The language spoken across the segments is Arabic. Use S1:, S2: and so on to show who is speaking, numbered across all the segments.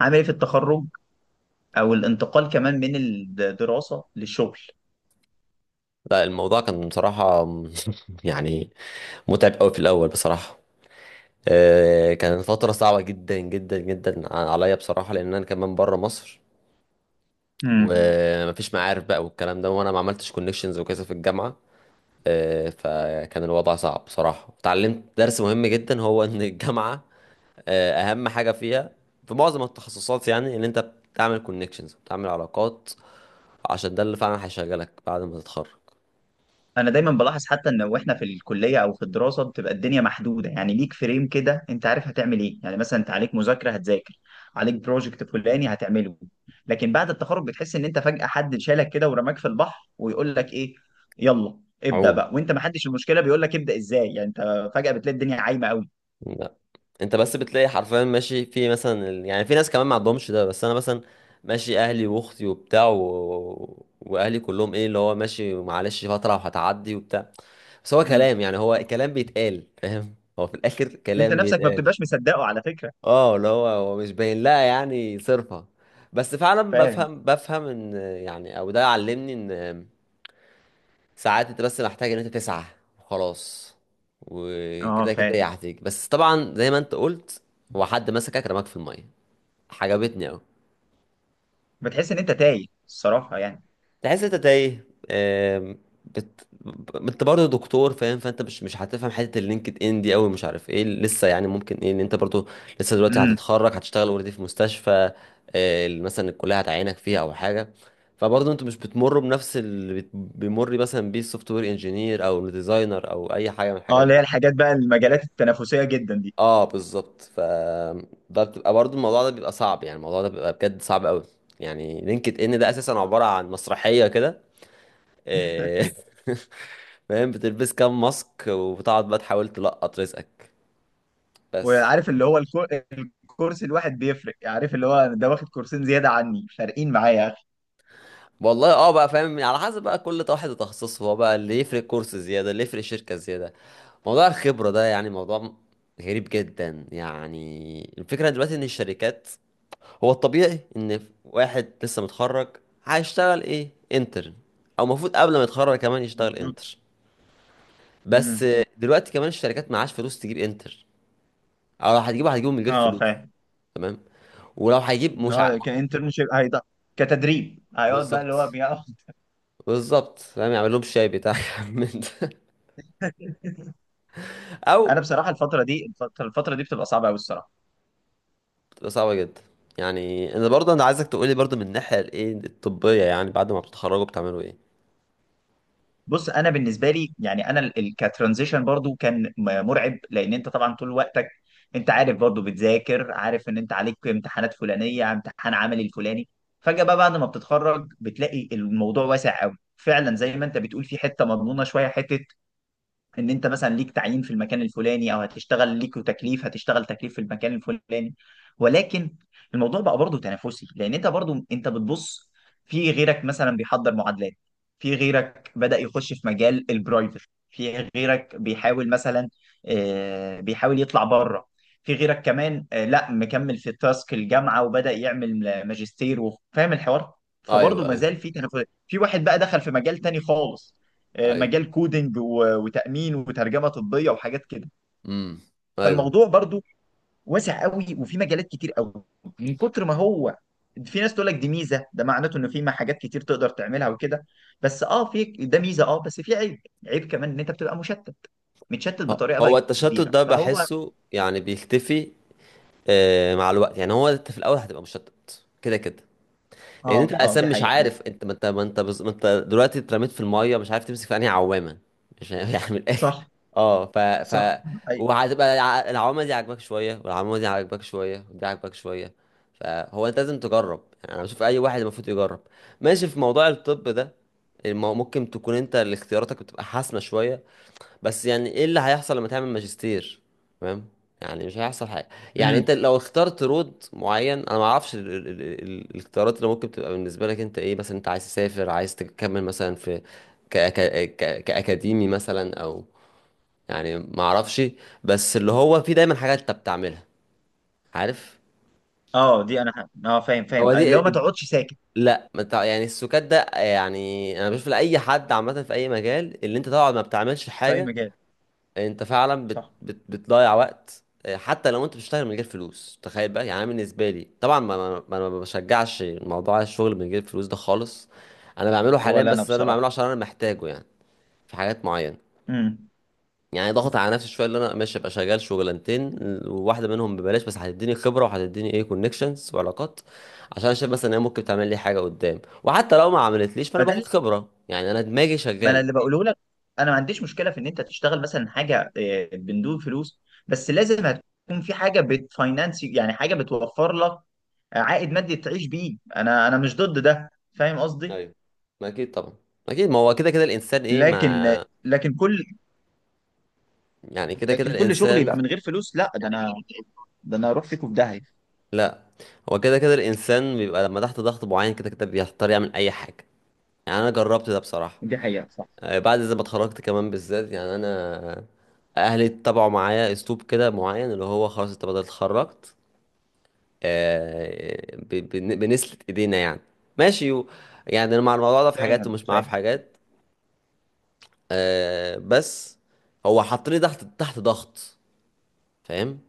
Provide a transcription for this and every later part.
S1: عامل ايه في التخرج او الانتقال كمان من الدراسه للشغل؟
S2: لا، الموضوع كان بصراحة يعني متعب قوي في الأول بصراحة. كانت فترة صعبة جدا جدا جدا عليا بصراحة، لأن أنا كمان بره مصر
S1: امم.
S2: ومفيش معارف بقى والكلام ده، وأنا ما عملتش كونكشنز وكذا في الجامعة. فكان الوضع صعب بصراحة. اتعلمت درس مهم جدا، هو إن الجامعة أهم حاجة فيها في معظم التخصصات، إن أنت بتعمل كونكشنز، بتعمل علاقات، عشان ده اللي فعلا هيشغلك بعد ما تتخرج.
S1: انا دايما بلاحظ حتى ان واحنا في الكليه او في الدراسه بتبقى الدنيا محدوده، يعني ليك فريم كده، انت عارف هتعمل ايه، يعني مثلا انت عليك مذاكره هتذاكر، عليك بروجكت فلاني هتعمله. لكن بعد التخرج بتحس ان انت فجاه حد شالك كده ورماك في البحر ويقول لك ايه، يلا ابدا
S2: عموما
S1: بقى، وانت ما حدش، المشكله بيقول لك ابدا ازاي، يعني انت فجاه بتلاقي الدنيا عايمه قوي.
S2: انت بس بتلاقي حرفيا ماشي في مثلا يعني في ناس كمان ما عندهمش ده، بس انا مثلا ماشي، اهلي واختي وبتاع واهلي كلهم ايه اللي هو ماشي، معلش فتره وهتعدي وبتاع. بس هو
S1: امم.
S2: كلام، يعني هو كلام بيتقال، فاهم، هو في الاخر
S1: انت
S2: كلام
S1: نفسك ما
S2: بيتقال.
S1: بتبقاش مصدقه على فكره.
S2: اه، اللي هو مش باين لها يعني صرفه. بس فعلا
S1: فاهم.
S2: بفهم ان يعني، او ده علمني ان ساعات انت بس محتاج ان انت تسعى وخلاص،
S1: اه،
S2: وكده كده هي
S1: فاهم.
S2: هتيجي. بس طبعا زي ما انت قلت، هو حد مسكك رماك في الميه. عجبتني قوي.
S1: بتحس ان انت تايه الصراحه يعني.
S2: تحس انت تايه. آم، انت برضه دكتور فاهم، فانت مش هتفهم حته اللينكد ان دي قوي، مش عارف ايه لسه. يعني ممكن ايه ان انت برضه لسه دلوقتي
S1: امم.
S2: هتتخرج هتشتغل اوريدي في مستشفى. مثلا الكليه هتعينك فيها او حاجه. فبرضه انتوا مش بتمروا بنفس اللي بيمر مثلا بيه السوفت وير انجينير او الديزاينر او اي حاجه من
S1: اه،
S2: الحاجات
S1: اللي هي
S2: دي.
S1: الحاجات بقى المجالات التنافسيه جدا دي.
S2: اه بالظبط. ده بتبقى برضو، الموضوع ده بيبقى صعب، يعني الموضوع ده بيبقى بجد صعب قوي. يعني لينكد ان ده اساسا عبارة عن مسرحية كده. إيه، فاهم، بتلبس كام ماسك وبتقعد بقى تحاول تلقط رزقك. بس.
S1: وعارف اللي هو الكورس الواحد بيفرق، عارف اللي هو ده واخد كورسين زياده عني، فارقين معايا يا اخي.
S2: والله اه بقى فاهم، يعني على حسب بقى كل واحد وتخصصه، هو بقى اللي يفرق كورس زيادة، اللي يفرق شركة زيادة. موضوع الخبرة ده يعني موضوع غريب جدا. يعني الفكرة دلوقتي ان الشركات، هو الطبيعي ان واحد لسه متخرج هيشتغل ايه، انترن، او المفروض قبل ما يتخرج كمان يشتغل
S1: بالظبط.
S2: انتر. بس
S1: امم.
S2: دلوقتي كمان الشركات معاش فلوس تجيب انتر، او لو هتجيبه هتجيبه من غير
S1: اه،
S2: فلوس.
S1: فاهم.
S2: تمام. ولو هيجيب
S1: اللي
S2: مش ع...
S1: هو كانترنشيب كتدريب هيقعد بقى اللي
S2: بالظبط.
S1: هو بيقعد.
S2: بالظبط، فاهم، يعمل لهم شاي بتاع من ده.
S1: انا
S2: او
S1: بصراحه الفتره دي الفتره الفترة دي بتبقى صعبه قوي الصراحه.
S2: بتبقى صعبه جدا. يعني انا برضه انا عايزك تقولي برضه من الناحيه الايه الطبيه، يعني بعد ما بتتخرجوا بتعملوا ايه.
S1: بص، انا بالنسبه لي يعني انا كترانزيشن برضو كان مرعب، لان انت طبعا طول وقتك انت عارف برضو بتذاكر، عارف ان انت عليك امتحانات فلانيه، امتحان عملي الفلاني. فجاه بقى بعد ما بتتخرج بتلاقي الموضوع واسع قوي، فعلا زي ما انت بتقول، في حته مضمونه شويه، حته ان انت مثلا ليك تعيين في المكان الفلاني، او هتشتغل ليك تكليف هتشتغل تكليف في المكان الفلاني. ولكن الموضوع بقى برضه تنافسي، لان انت برضه انت بتبص في غيرك مثلا بيحضر معادلات، في غيرك بدأ يخش في مجال البرايفت، في غيرك بيحاول مثلا بيحاول يطلع بره، في غيرك كمان لا مكمل في تاسك الجامعة وبدأ يعمل ماجستير وفاهم الحوار. فبرضه
S2: ايوه، ايوه،
S1: مازال في تنافس، في واحد بقى دخل في مجال تاني خالص
S2: ايوه.
S1: مجال كودينج وتأمين وترجمة طبية وحاجات كده.
S2: امم. ايوه.
S1: فالموضوع برضو واسع قوي، وفي مجالات كتير قوي من كتر ما هو، في ناس تقول لك دي ميزة، ده معناته انه في حاجات كتير تقدر تعملها وكده، بس اه في ده ميزة، اه بس في عيب، عيب كمان ان انت بتبقى مشتت، متشتت بطريقة
S2: هو
S1: بقى
S2: التشتت
S1: كبيرة
S2: ده
S1: فهو.
S2: بحسه يعني بيختفي مع الوقت؟ يعني هو انت في الاول هتبقى مشتت كده كده، لان
S1: اه،
S2: انت
S1: اه،
S2: اساسا
S1: دي
S2: مش
S1: حقيقة.
S2: عارف انت، ما انت دلوقتي اترميت في الميه، مش عارف تمسك في انهي عوامه. مش عارف يعني من الاخر.
S1: صح.
S2: اه ف
S1: صح،
S2: ف
S1: دي حقيقة.
S2: وهتبقى العوامه دي عاجباك شويه، والعوامه دي عاجباك شويه، ودي عاجباك شويه. فهو انت لازم تجرب. يعني انا بشوف اي واحد المفروض يجرب ماشي في موضوع الطب ده. ممكن تكون انت اللي اختياراتك بتبقى حاسمه شويه. بس يعني ايه اللي هيحصل لما تعمل ماجستير؟ تمام، يعني مش هيحصل حاجه. يعني
S1: امم.
S2: انت لو اخترت رود معين، انا ما اعرفش الاختيارات اللي ممكن تبقى بالنسبه لك انت ايه. مثلا انت عايز تسافر، عايز تكمل مثلا في ك... ك... كاكاديمي مثلا او، يعني ما اعرفش. بس اللي هو في دايما حاجات انت بتعملها، عارف.
S1: اه، فاهم فاهم،
S2: هو
S1: لو ما
S2: دي،
S1: تقعدش ساكت
S2: لا، ما تع- يعني السكات ده، يعني انا بشوف لاي حد عامه في اي مجال، اللي انت طبعا ما بتعملش
S1: في اي
S2: حاجه،
S1: مجال.
S2: انت فعلا بت
S1: صح.
S2: بت بتضيع وقت. حتى لو انت بتشتغل من غير فلوس تخيل بقى. يعني انا بالنسبه لي طبعا ما بشجعش موضوع الشغل من غير فلوس ده خالص. انا بعمله حاليا،
S1: ولا انا
S2: بس انا بعمله
S1: بصراحة.
S2: عشان انا محتاجه، يعني في حاجات معينه،
S1: امم.
S2: يعني ضغط على نفسي شويه اللي انا ماشي ابقى شغال شغلانتين، وواحده منهم ببلاش، بس هتديني خبره وهتديني ايه كونكشنز وعلاقات، عشان أنا شايف مثلا ان هي ممكن تعمل لي حاجه قدام، وحتى لو ما عملتليش فانا باخد خبره، يعني انا دماغي
S1: ما انا
S2: شغاله.
S1: اللي بقوله لك، انا ما عنديش مشكله في ان انت تشتغل مثلا حاجه بندون فلوس، بس لازم هتكون في حاجه بتفاينانس، يعني حاجه بتوفر لك عائد مادي تعيش بيه، انا مش ضد ده. فاهم قصدي؟
S2: ايوه. ما اكيد طبعا، اكيد. ما هو كده كده الانسان ايه ما،
S1: لكن لكن كل
S2: يعني كده كده
S1: لكن كل شغل
S2: الانسان.
S1: يبقى من غير فلوس، لا ده انا اروح فيكم في داهيه.
S2: لا، هو كده كده الانسان بيبقى لما تحت ضغط معين كده كده بيضطر يعمل اي حاجه. يعني انا جربت ده بصراحه.
S1: دي حقيقه صح.
S2: بعد زي ما اتخرجت كمان بالذات، يعني انا اهلي اتبعوا معايا اسلوب كده معين اللي هو خلاص انت بدل اتخرجت. بنسلة ايدينا يعني، ماشي يعني انا مع الموضوع ده في حاجات
S1: فاهم
S2: ومش معاه في
S1: فاهم.
S2: حاجات. بس هو حطني تحت ضغط فاهم،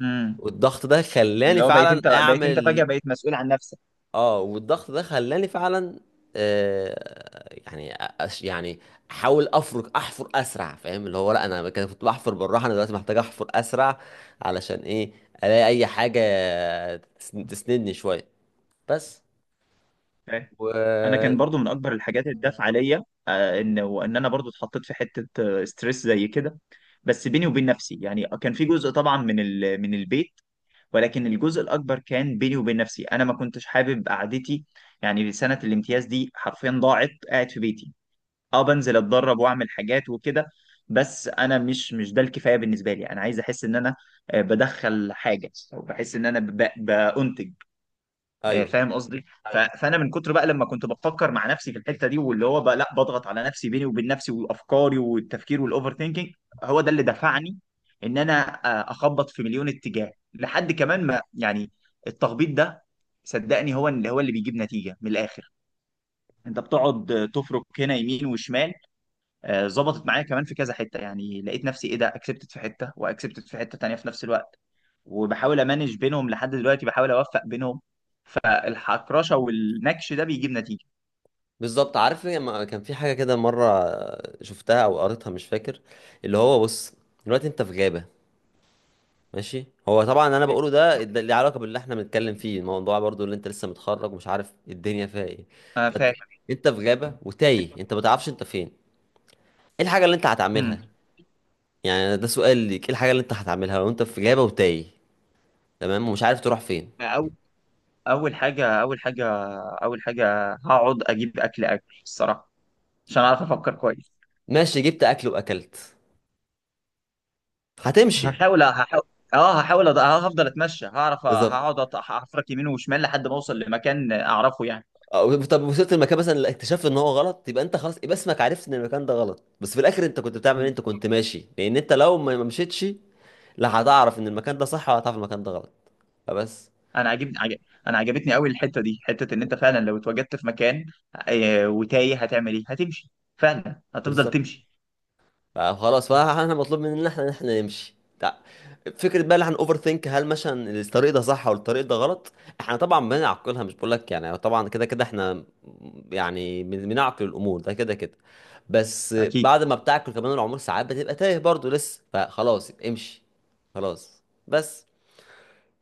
S1: امم.
S2: والضغط ده خلاني
S1: اللي هو
S2: فعلا
S1: بقيت انت فجاه
S2: اعمل.
S1: بقيت مسؤول عن نفسك.
S2: اه والضغط ده خلاني فعلا يعني، يعني، احاول افرك، احفر اسرع فاهم. اللي هو لا، انا كده كنت بحفر بالراحه، انا دلوقتي محتاج احفر اسرع، علشان ايه؟ الاقي اي حاجه تسندني شويه. بس
S1: انا
S2: و
S1: كان برضو من اكبر الحاجات اللي دافعه ليا ان انا برضو اتحطيت في حته ستريس زي كده. بس بيني وبين نفسي يعني كان في جزء طبعا من البيت. ولكن الجزء الاكبر كان بيني وبين نفسي، انا ما كنتش حابب قعدتي، يعني سنه الامتياز دي حرفيا ضاعت قاعد في بيتي. اه، بنزل اتدرب واعمل حاجات وكده، بس انا مش ده الكفايه بالنسبه لي، انا عايز احس ان انا بدخل حاجه او بحس ان انا بأنتج،
S2: ايوه،
S1: فاهم قصدي؟ ايوه، فانا من كتر بقى لما كنت بفكر مع نفسي في الحته دي، واللي هو بقى لا بضغط على نفسي بيني وبين نفسي وافكاري والتفكير والاوفر ثينكينج، هو ده اللي دفعني ان انا اخبط في مليون اتجاه لحد كمان ما يعني التخبيط ده صدقني هو اللي بيجيب نتيجه من الاخر. انت بتقعد تفرك هنا يمين وشمال، ظبطت معايا كمان في كذا حته، يعني لقيت نفسي، ايه ده، اكسبتت في حته واكسبتت في حته تانيه في نفس الوقت، وبحاول امانج بينهم لحد دلوقتي بحاول اوفق بينهم، فالحكرشه والنكش ده بيجيب نتيجه.
S2: بالظبط. عارف إيه؟ كان في حاجه كده مره شفتها او قريتها مش فاكر، اللي هو بص، دلوقتي انت في غابه ماشي. هو طبعا انا بقوله ده اللي علاقه باللي احنا بنتكلم فيه، الموضوع برضو اللي انت لسه متخرج ومش عارف الدنيا فيها ايه.
S1: انا
S2: فانت،
S1: فاهم.
S2: انت في غابه وتايه، انت ما تعرفش انت فين، ايه الحاجه اللي انت هتعملها؟
S1: امم.
S2: يعني ده سؤال ليك، ايه الحاجه اللي انت هتعملها لو انت في غابه وتايه تمام ومش عارف تروح فين؟
S1: اول اول حاجه اول حاجه اول حاجه هقعد اجيب اكل اكل الصراحه عشان اعرف افكر كويس.
S2: ماشي، جبت اكل واكلت، هتمشي.
S1: هحاول هحاول اه هحاول، هفضل اتمشى،
S2: بالظبط.
S1: هقعد هحفرك يمين وشمال لحد ما اوصل لمكان اعرفه يعني.
S2: طب وصلت المكان مثلا اللي اكتشفت ان هو غلط، يبقى انت خلاص، يبقى اسمك عرفت ان المكان ده غلط. بس في الاخر انت كنت بتعمل إيه؟
S1: مم.
S2: انت كنت ماشي. لان انت لو ما مشيتش، لا هتعرف ان المكان ده صح ولا هتعرف المكان ده غلط. فبس،
S1: انا عجبني عجب... انا عجبتني قوي الحته دي، حته ان انت فعلا لو اتوجدت في مكان وتايه، هتعمل ايه؟ هتمشي، فعلا هتفضل
S2: بالظبط.
S1: تمشي.
S2: فخلاص، فاحنا مطلوب مننا احنا ان احنا نمشي فكره بقى اللي احنا اوفر ثينك هل مثلا الطريق ده صح ولا الطريق ده غلط. احنا طبعا بنعقلها، مش بقول لك يعني طبعا كده كده احنا يعني بنعقل الامور ده كده كده. بس
S1: اكيد.
S2: بعد ما بتعقل كمان العمر، ساعات بتبقى تايه برضو لسه، فخلاص امشي. خلاص بس.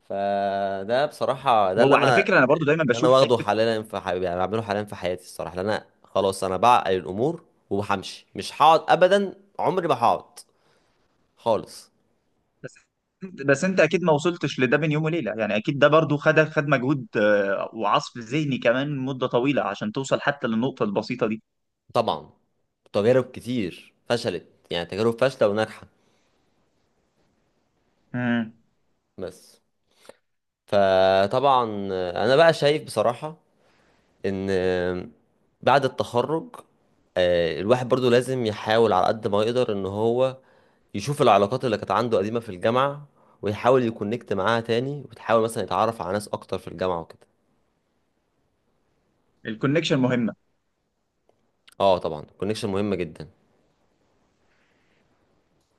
S2: فده بصراحة ده
S1: وعلى فكره انا برضو دايما
S2: اللي انا
S1: بشوف
S2: واخده
S1: حته.
S2: حاليا في حبيبي، يعني بعمله حاليا في حياتي الصراحة، لأن انا خلاص انا بعقل الامور وبهمشي، مش هقعد ابدا، عمري ما هقعد خالص.
S1: بس بس انت اكيد ما وصلتش لده بين يوم وليله، يعني اكيد ده برضو خد مجهود وعصف ذهني كمان مده طويله عشان توصل حتى للنقطه البسيطه دي.
S2: طبعا تجارب كتير فشلت، يعني تجارب فاشلة وناجحة.
S1: امم.
S2: بس فطبعا انا بقى شايف بصراحة ان بعد التخرج، الواحد برضو لازم يحاول على قد ما يقدر ان هو يشوف العلاقات اللي كانت عنده قديمة في الجامعة، ويحاول يكونكت معاها تاني، وتحاول مثلا يتعرف على ناس اكتر في الجامعة وكده.
S1: الكونكشن مهمه.
S2: اه طبعا الكونكشن مهم جدا.